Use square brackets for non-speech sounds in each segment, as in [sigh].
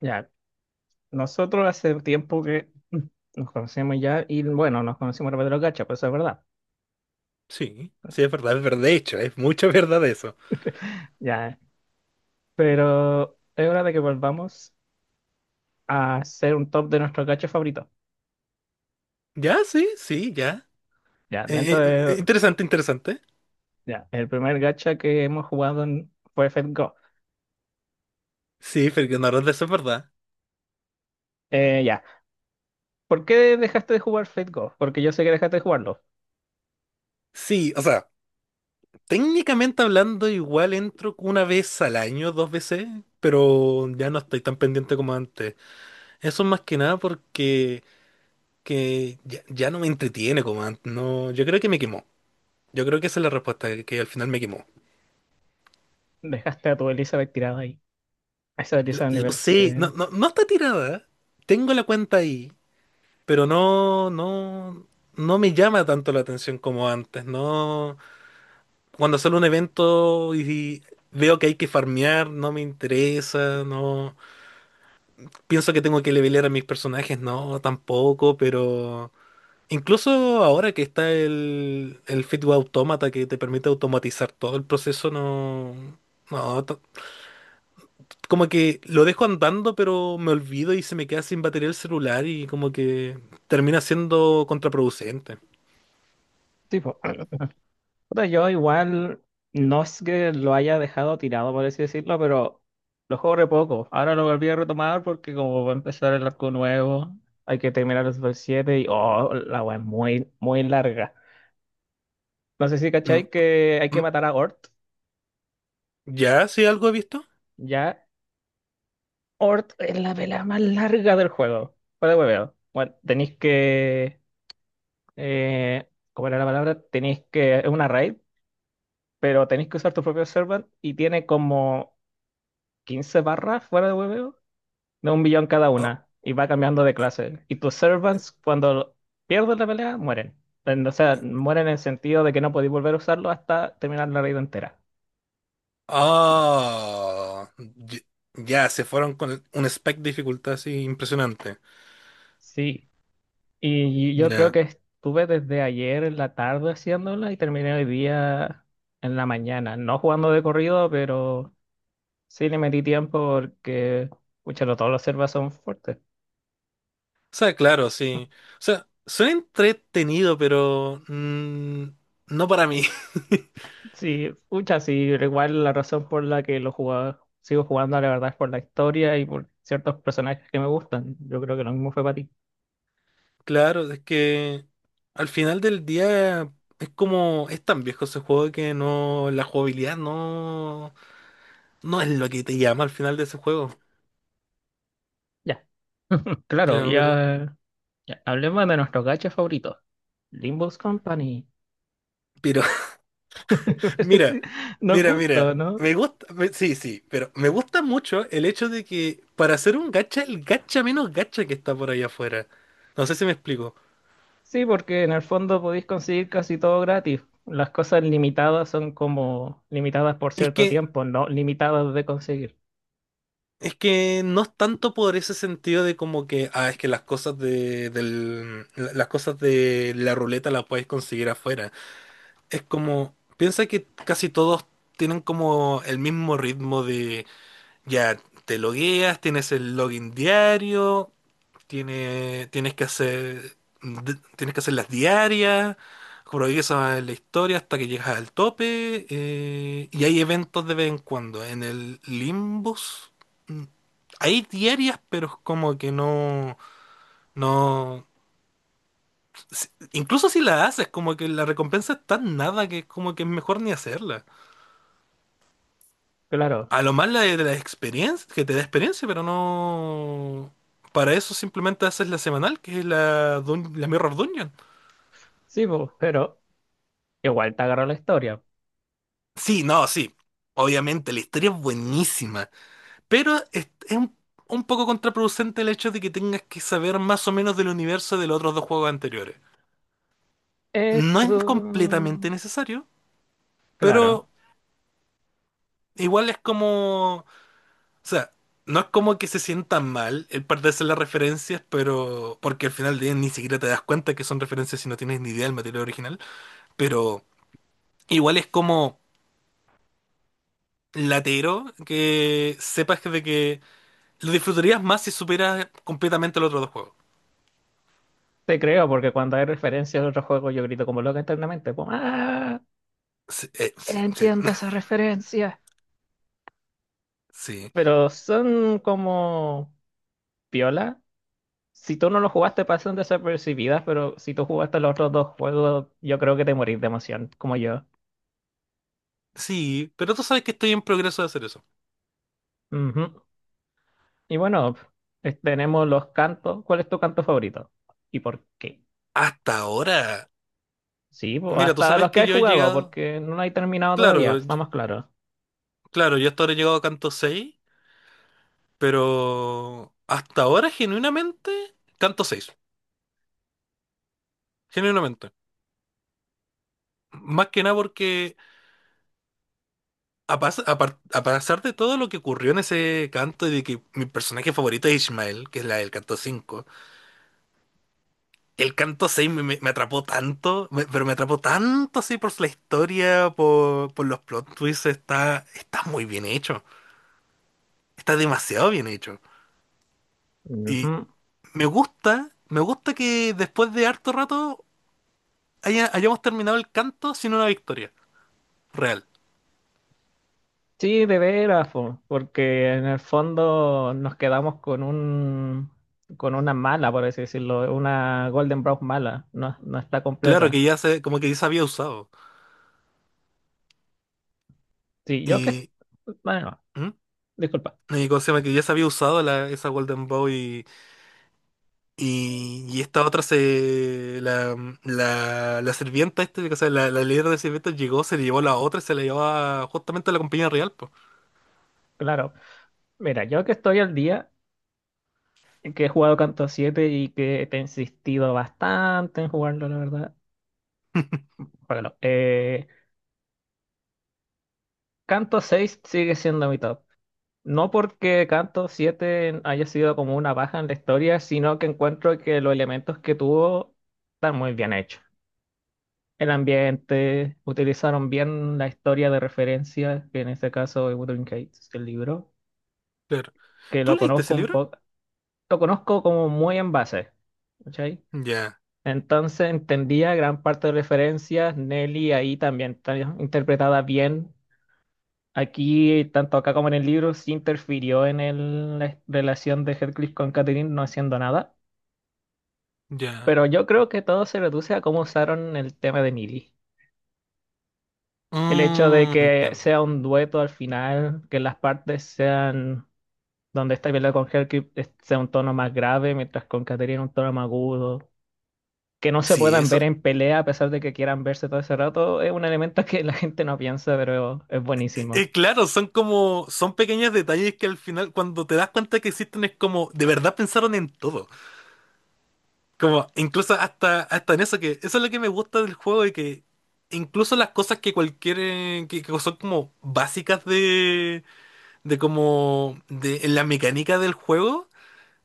Ya, nosotros hace tiempo que [laughs] nos conocemos ya y bueno, nos conocimos a través de los gachas, pues eso es verdad. Sí, sí, es verdad, es verdad. De hecho, es mucha [laughs] verdad eso. [laughs] Ya, pero es hora de que volvamos a hacer un top de nuestros gachas favoritos. Ya, sí, sí, ya. Ya, dentro Eh, de... Interesante, interesante. Ya, el primer gacha que hemos jugado fue Fate Go. Sí, Fernando Alonso, eso es verdad. Ya, ¿por qué dejaste de jugar Fate Go? Porque yo sé que dejaste de jugarlo. Sí, o sea, técnicamente hablando, igual entro una vez al año, dos veces, pero ya no estoy tan pendiente como antes. Eso más que nada porque ya no me entretiene como antes. No, yo creo que me quemó. Yo creo que esa es la respuesta, que al final me quemó. Dejaste a tu Elizabeth tirada ahí. A esa Lo, Elizabeth lo nivel sé, no, cien no, no está tirada. Tengo la cuenta ahí, pero no, no, no me llama tanto la atención como antes. No, cuando sale un evento y veo que hay que farmear, no me interesa, no pienso que tengo que levelear a mis personajes, no, tampoco, pero incluso ahora que está el Fitbit Automata, que te permite automatizar todo el proceso. No, no, t- como que lo dejo andando, pero me olvido y se me queda sin batería el celular y como que termina siendo contraproducente. Tipo. Puta, yo igual no es que lo haya dejado tirado, por así decirlo, pero lo juego re poco. Ahora lo volví a retomar porque como va a empezar el arco nuevo, hay que terminar los Super 7 y oh, la wea es muy, muy larga. No sé si Mm. cachai que hay que Mm. matar a Ort. ¿Ya? ¿Sí algo he visto? Ya, Ort es la pelea más larga del juego. Para de hueveo. Bueno, tenéis que... Eh, ¿cómo era la palabra? Tenéis que... Es una raid, pero tenéis que usar tu propio servant y tiene como... 15 barras fuera de hueveo de un billón cada Ah, una y va cambiando de ah, clase. Y tus servants, cuando pierden la pelea, mueren. O sea, mueren en el sentido de que no podéis volver a usarlo hasta terminar la raid entera. ah, ah. Ya, se fueron con un spec de dificultad así impresionante. Sí, y yo creo Ya. que estuve desde ayer en la tarde haciéndola y terminé hoy día en la mañana. No jugando de corrido, pero sí le metí tiempo porque, escúchalo, todos los servas son fuertes. O sea, claro, sí. O sea, suena entretenido, pero no para mí. [laughs] Sí, muchas, sí, pero igual la razón por la que lo jugaba, sigo jugando, la verdad, es por la historia y por ciertos personajes que me gustan. Yo creo que lo mismo fue para ti. Claro, es que al final del día es como, es tan viejo ese juego que no, la jugabilidad no es lo que te llama al final de ese juego. Ya. [laughs] Claro, No, pero... ya, ya. Hablemos de nuestro gacha favorito, Limbus Company. [laughs] Sí, Mira, nos mira, mira. gusta, ¿no? Me gusta, sí, sí, pero me gusta mucho el hecho de que, para hacer un gacha, el gacha menos gacha que está por ahí afuera. No sé si me explico. Sí, porque en el fondo podéis conseguir casi todo gratis. Las cosas limitadas son como limitadas por Es cierto que, tiempo, no limitadas de conseguir. es que no es tanto por ese sentido de como que, ah, es que las cosas las cosas de la ruleta las puedes conseguir afuera. Es como, piensa que casi todos tienen como el mismo ritmo de, ya, te logueas, tienes el login diario. Tienes que hacer, tienes que hacer las diarias, progresas en la historia hasta que llegas al tope, y hay eventos de vez en cuando. En el Limbus, mm, hay diarias, pero es como que no, no, incluso si la haces, como que la recompensa es tan nada que es como que es mejor ni hacerla. Claro, A lo más la de la experiencia, que te da experiencia, pero no, para eso simplemente haces la semanal, que es la Mirror Dungeon. sí, po, pero igual te agarra la historia. Sí, no, sí. Obviamente, la historia es buenísima, pero es un poco contraproducente el hecho de que tengas que saber más o menos del universo de los otros dos juegos anteriores. No Eso. es completamente necesario, pero Claro, igual es como... O sea, no es como que se sienta mal el perderse las referencias, pero... Porque al final del día ni siquiera te das cuenta que son referencias si no tienes ni idea del material original, pero igual es como latero que sepas de que lo disfrutarías más si supieras completamente los otros dos juegos. te creo, porque cuando hay referencias de otros juegos yo grito como loca internamente, como, ¡ah! Sí, sí, sí, Entiendo esas referencias. [laughs] sí, Pero son como piola. Si tú no lo jugaste, pasan desapercibidas, pero si tú jugaste los otros dos juegos, yo creo que te morís de emoción, como yo. sí, pero tú sabes que estoy en progreso de hacer eso. Ujú. Y bueno, tenemos los cantos. ¿Cuál es tu canto favorito? ¿Y por qué? Hasta ahora, Sí, pues, mira, tú hasta sabes los que que has yo he jugado, llegado, porque no lo he terminado todavía, claro, estamos claros. claro, yo hasta ahora he llegado a Canto seis, pero hasta ahora, genuinamente, Canto seis, genuinamente. Más que nada porque, a, pas- a par- a pesar de todo lo que ocurrió en ese canto y de que mi personaje favorito es Ishmael, que es la del Canto cinco. El canto seis me atrapó tanto, pero me atrapó tanto así por la historia, por los plot twists. Está, está muy bien hecho, está demasiado bien hecho. Ujú. Y me gusta que, después de harto rato, hayamos terminado el canto sin una victoria real. Sí, de veras, po, porque en el fondo nos quedamos con una mala, por así decirlo, una Golden Brown mala, no, no está Claro que completa. ya se, como que ya se había usado. Sí, yo que Y, bueno, ¿mm? disculpa, Y como se llama, que ya se había usado esa Golden Boy. Y esta otra se... La sirvienta, o sea, la líder de sirvientas llegó, se llevó la otra y se la llevó justamente a la compañía real, pues. claro. Mira, yo que estoy al día, que he jugado Canto siete y que te he insistido bastante en jugarlo, la verdad. [laughs] Bueno, Canto seis sigue siendo mi top. No porque Canto siete haya sido como una baja en la historia, sino que encuentro que los elementos que tuvo están muy bien hechos. El ambiente, utilizaron bien la historia de referencia, que en este caso es Wuthering Heights, el libro, Claro. que ¿Tú lo leíste conozco ese un libro? poco, lo conozco como muy en base, ¿cachai? Ya, Entonces entendía gran parte de referencias, Nelly ahí también está interpretada bien, aquí, tanto acá como en el libro, sí interfirió en la relación de Heathcliff con Catherine no haciendo nada, ya. pero yo creo que todo se reduce a cómo usaron el tema de Millie. El hecho de Mm, que entiendo. sea un dueto al final, que las partes sean donde está peleando con Heathcliff sea un tono más grave, mientras con Catherine un tono más agudo, que no se Sí, puedan eso. ver en pelea a pesar de que quieran verse todo ese rato, es un elemento [laughs] que la gente no piensa, pero es buenísimo. Claro, son como... Son pequeños detalles que, al final, cuando te das cuenta que existen, es como... De verdad pensaron en todo. Como, incluso hasta en eso, que eso es lo que me gusta del juego, y que incluso las cosas que cualquier, que son como básicas de, de en la mecánica del juego,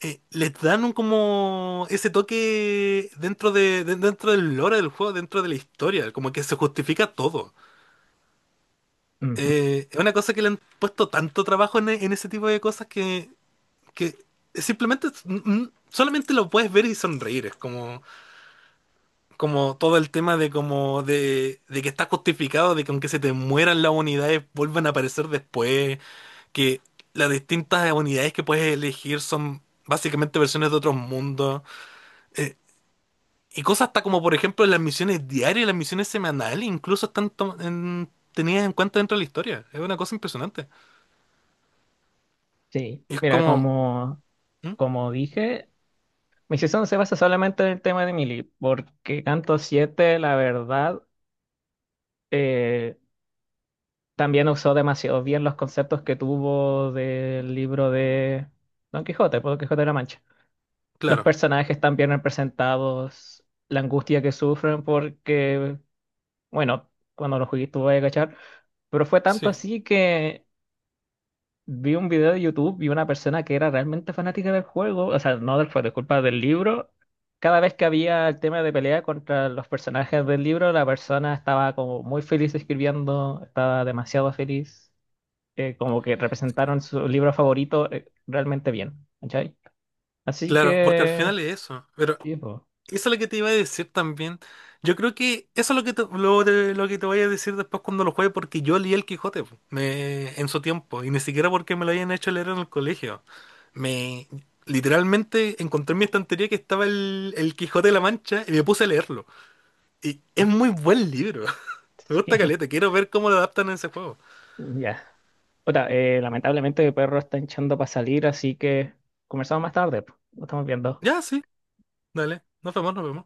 les dan un como ese toque dentro dentro del lore del juego, dentro de la historia, como que se justifica todo. Ujú. Es una cosa que le han puesto tanto trabajo en, en ese tipo de cosas, que, simplemente, solamente lo puedes ver y sonreír. Es como... Como todo el tema de como de que está justificado de que, aunque se te mueran las unidades, vuelvan a aparecer después, que las distintas unidades que puedes elegir son básicamente versiones de otros mundos. eh, y cosas hasta como, por ejemplo, las misiones diarias, las misiones semanales, incluso están tenidas en cuenta dentro de la historia. Es una cosa impresionante. Sí, Y es mira, como... ¿Mm? como dije. Mi season se basa solamente en el tema de Millie, porque Canto siete, la verdad, eh, también usó demasiado bien los conceptos que tuvo del libro de Don Quijote, por Don Quijote de la Mancha. Los Claro, personajes están bien representados, la angustia que sufren, porque, bueno, cuando lo jugué tuve que cachar, pero fue tanto sí. así que vi un video de YouTube y una persona que era realmente fanática del juego, o sea, no del juego, disculpa, del libro. Cada vez que había el tema de pelea contra los personajes del libro, la persona estaba como muy feliz escribiendo, estaba demasiado feliz, como que representaron su libro favorito, realmente bien, ¿cachai? Así Claro, porque al que, final es eso. Pero sí, po. eso es lo que te iba a decir también. Yo creo que eso es lo que lo que te voy a decir después, cuando lo juegue, porque yo leí el Quijote po, en su tiempo, y ni siquiera porque me lo hayan hecho leer en el colegio. Me literalmente encontré en mi estantería que estaba el Quijote de la Mancha y me puse a leerlo. Y es ¿No? muy buen libro. [laughs] Me Sí, gusta [laughs] caleta, quiero ver cómo lo adaptan en ese juego. ya. Puta, lamentablemente el perro está hinchando para salir, así que conversamos más tarde, po. Lo estamos viendo. Ya, sí, dale, nos vemos, nos vemos.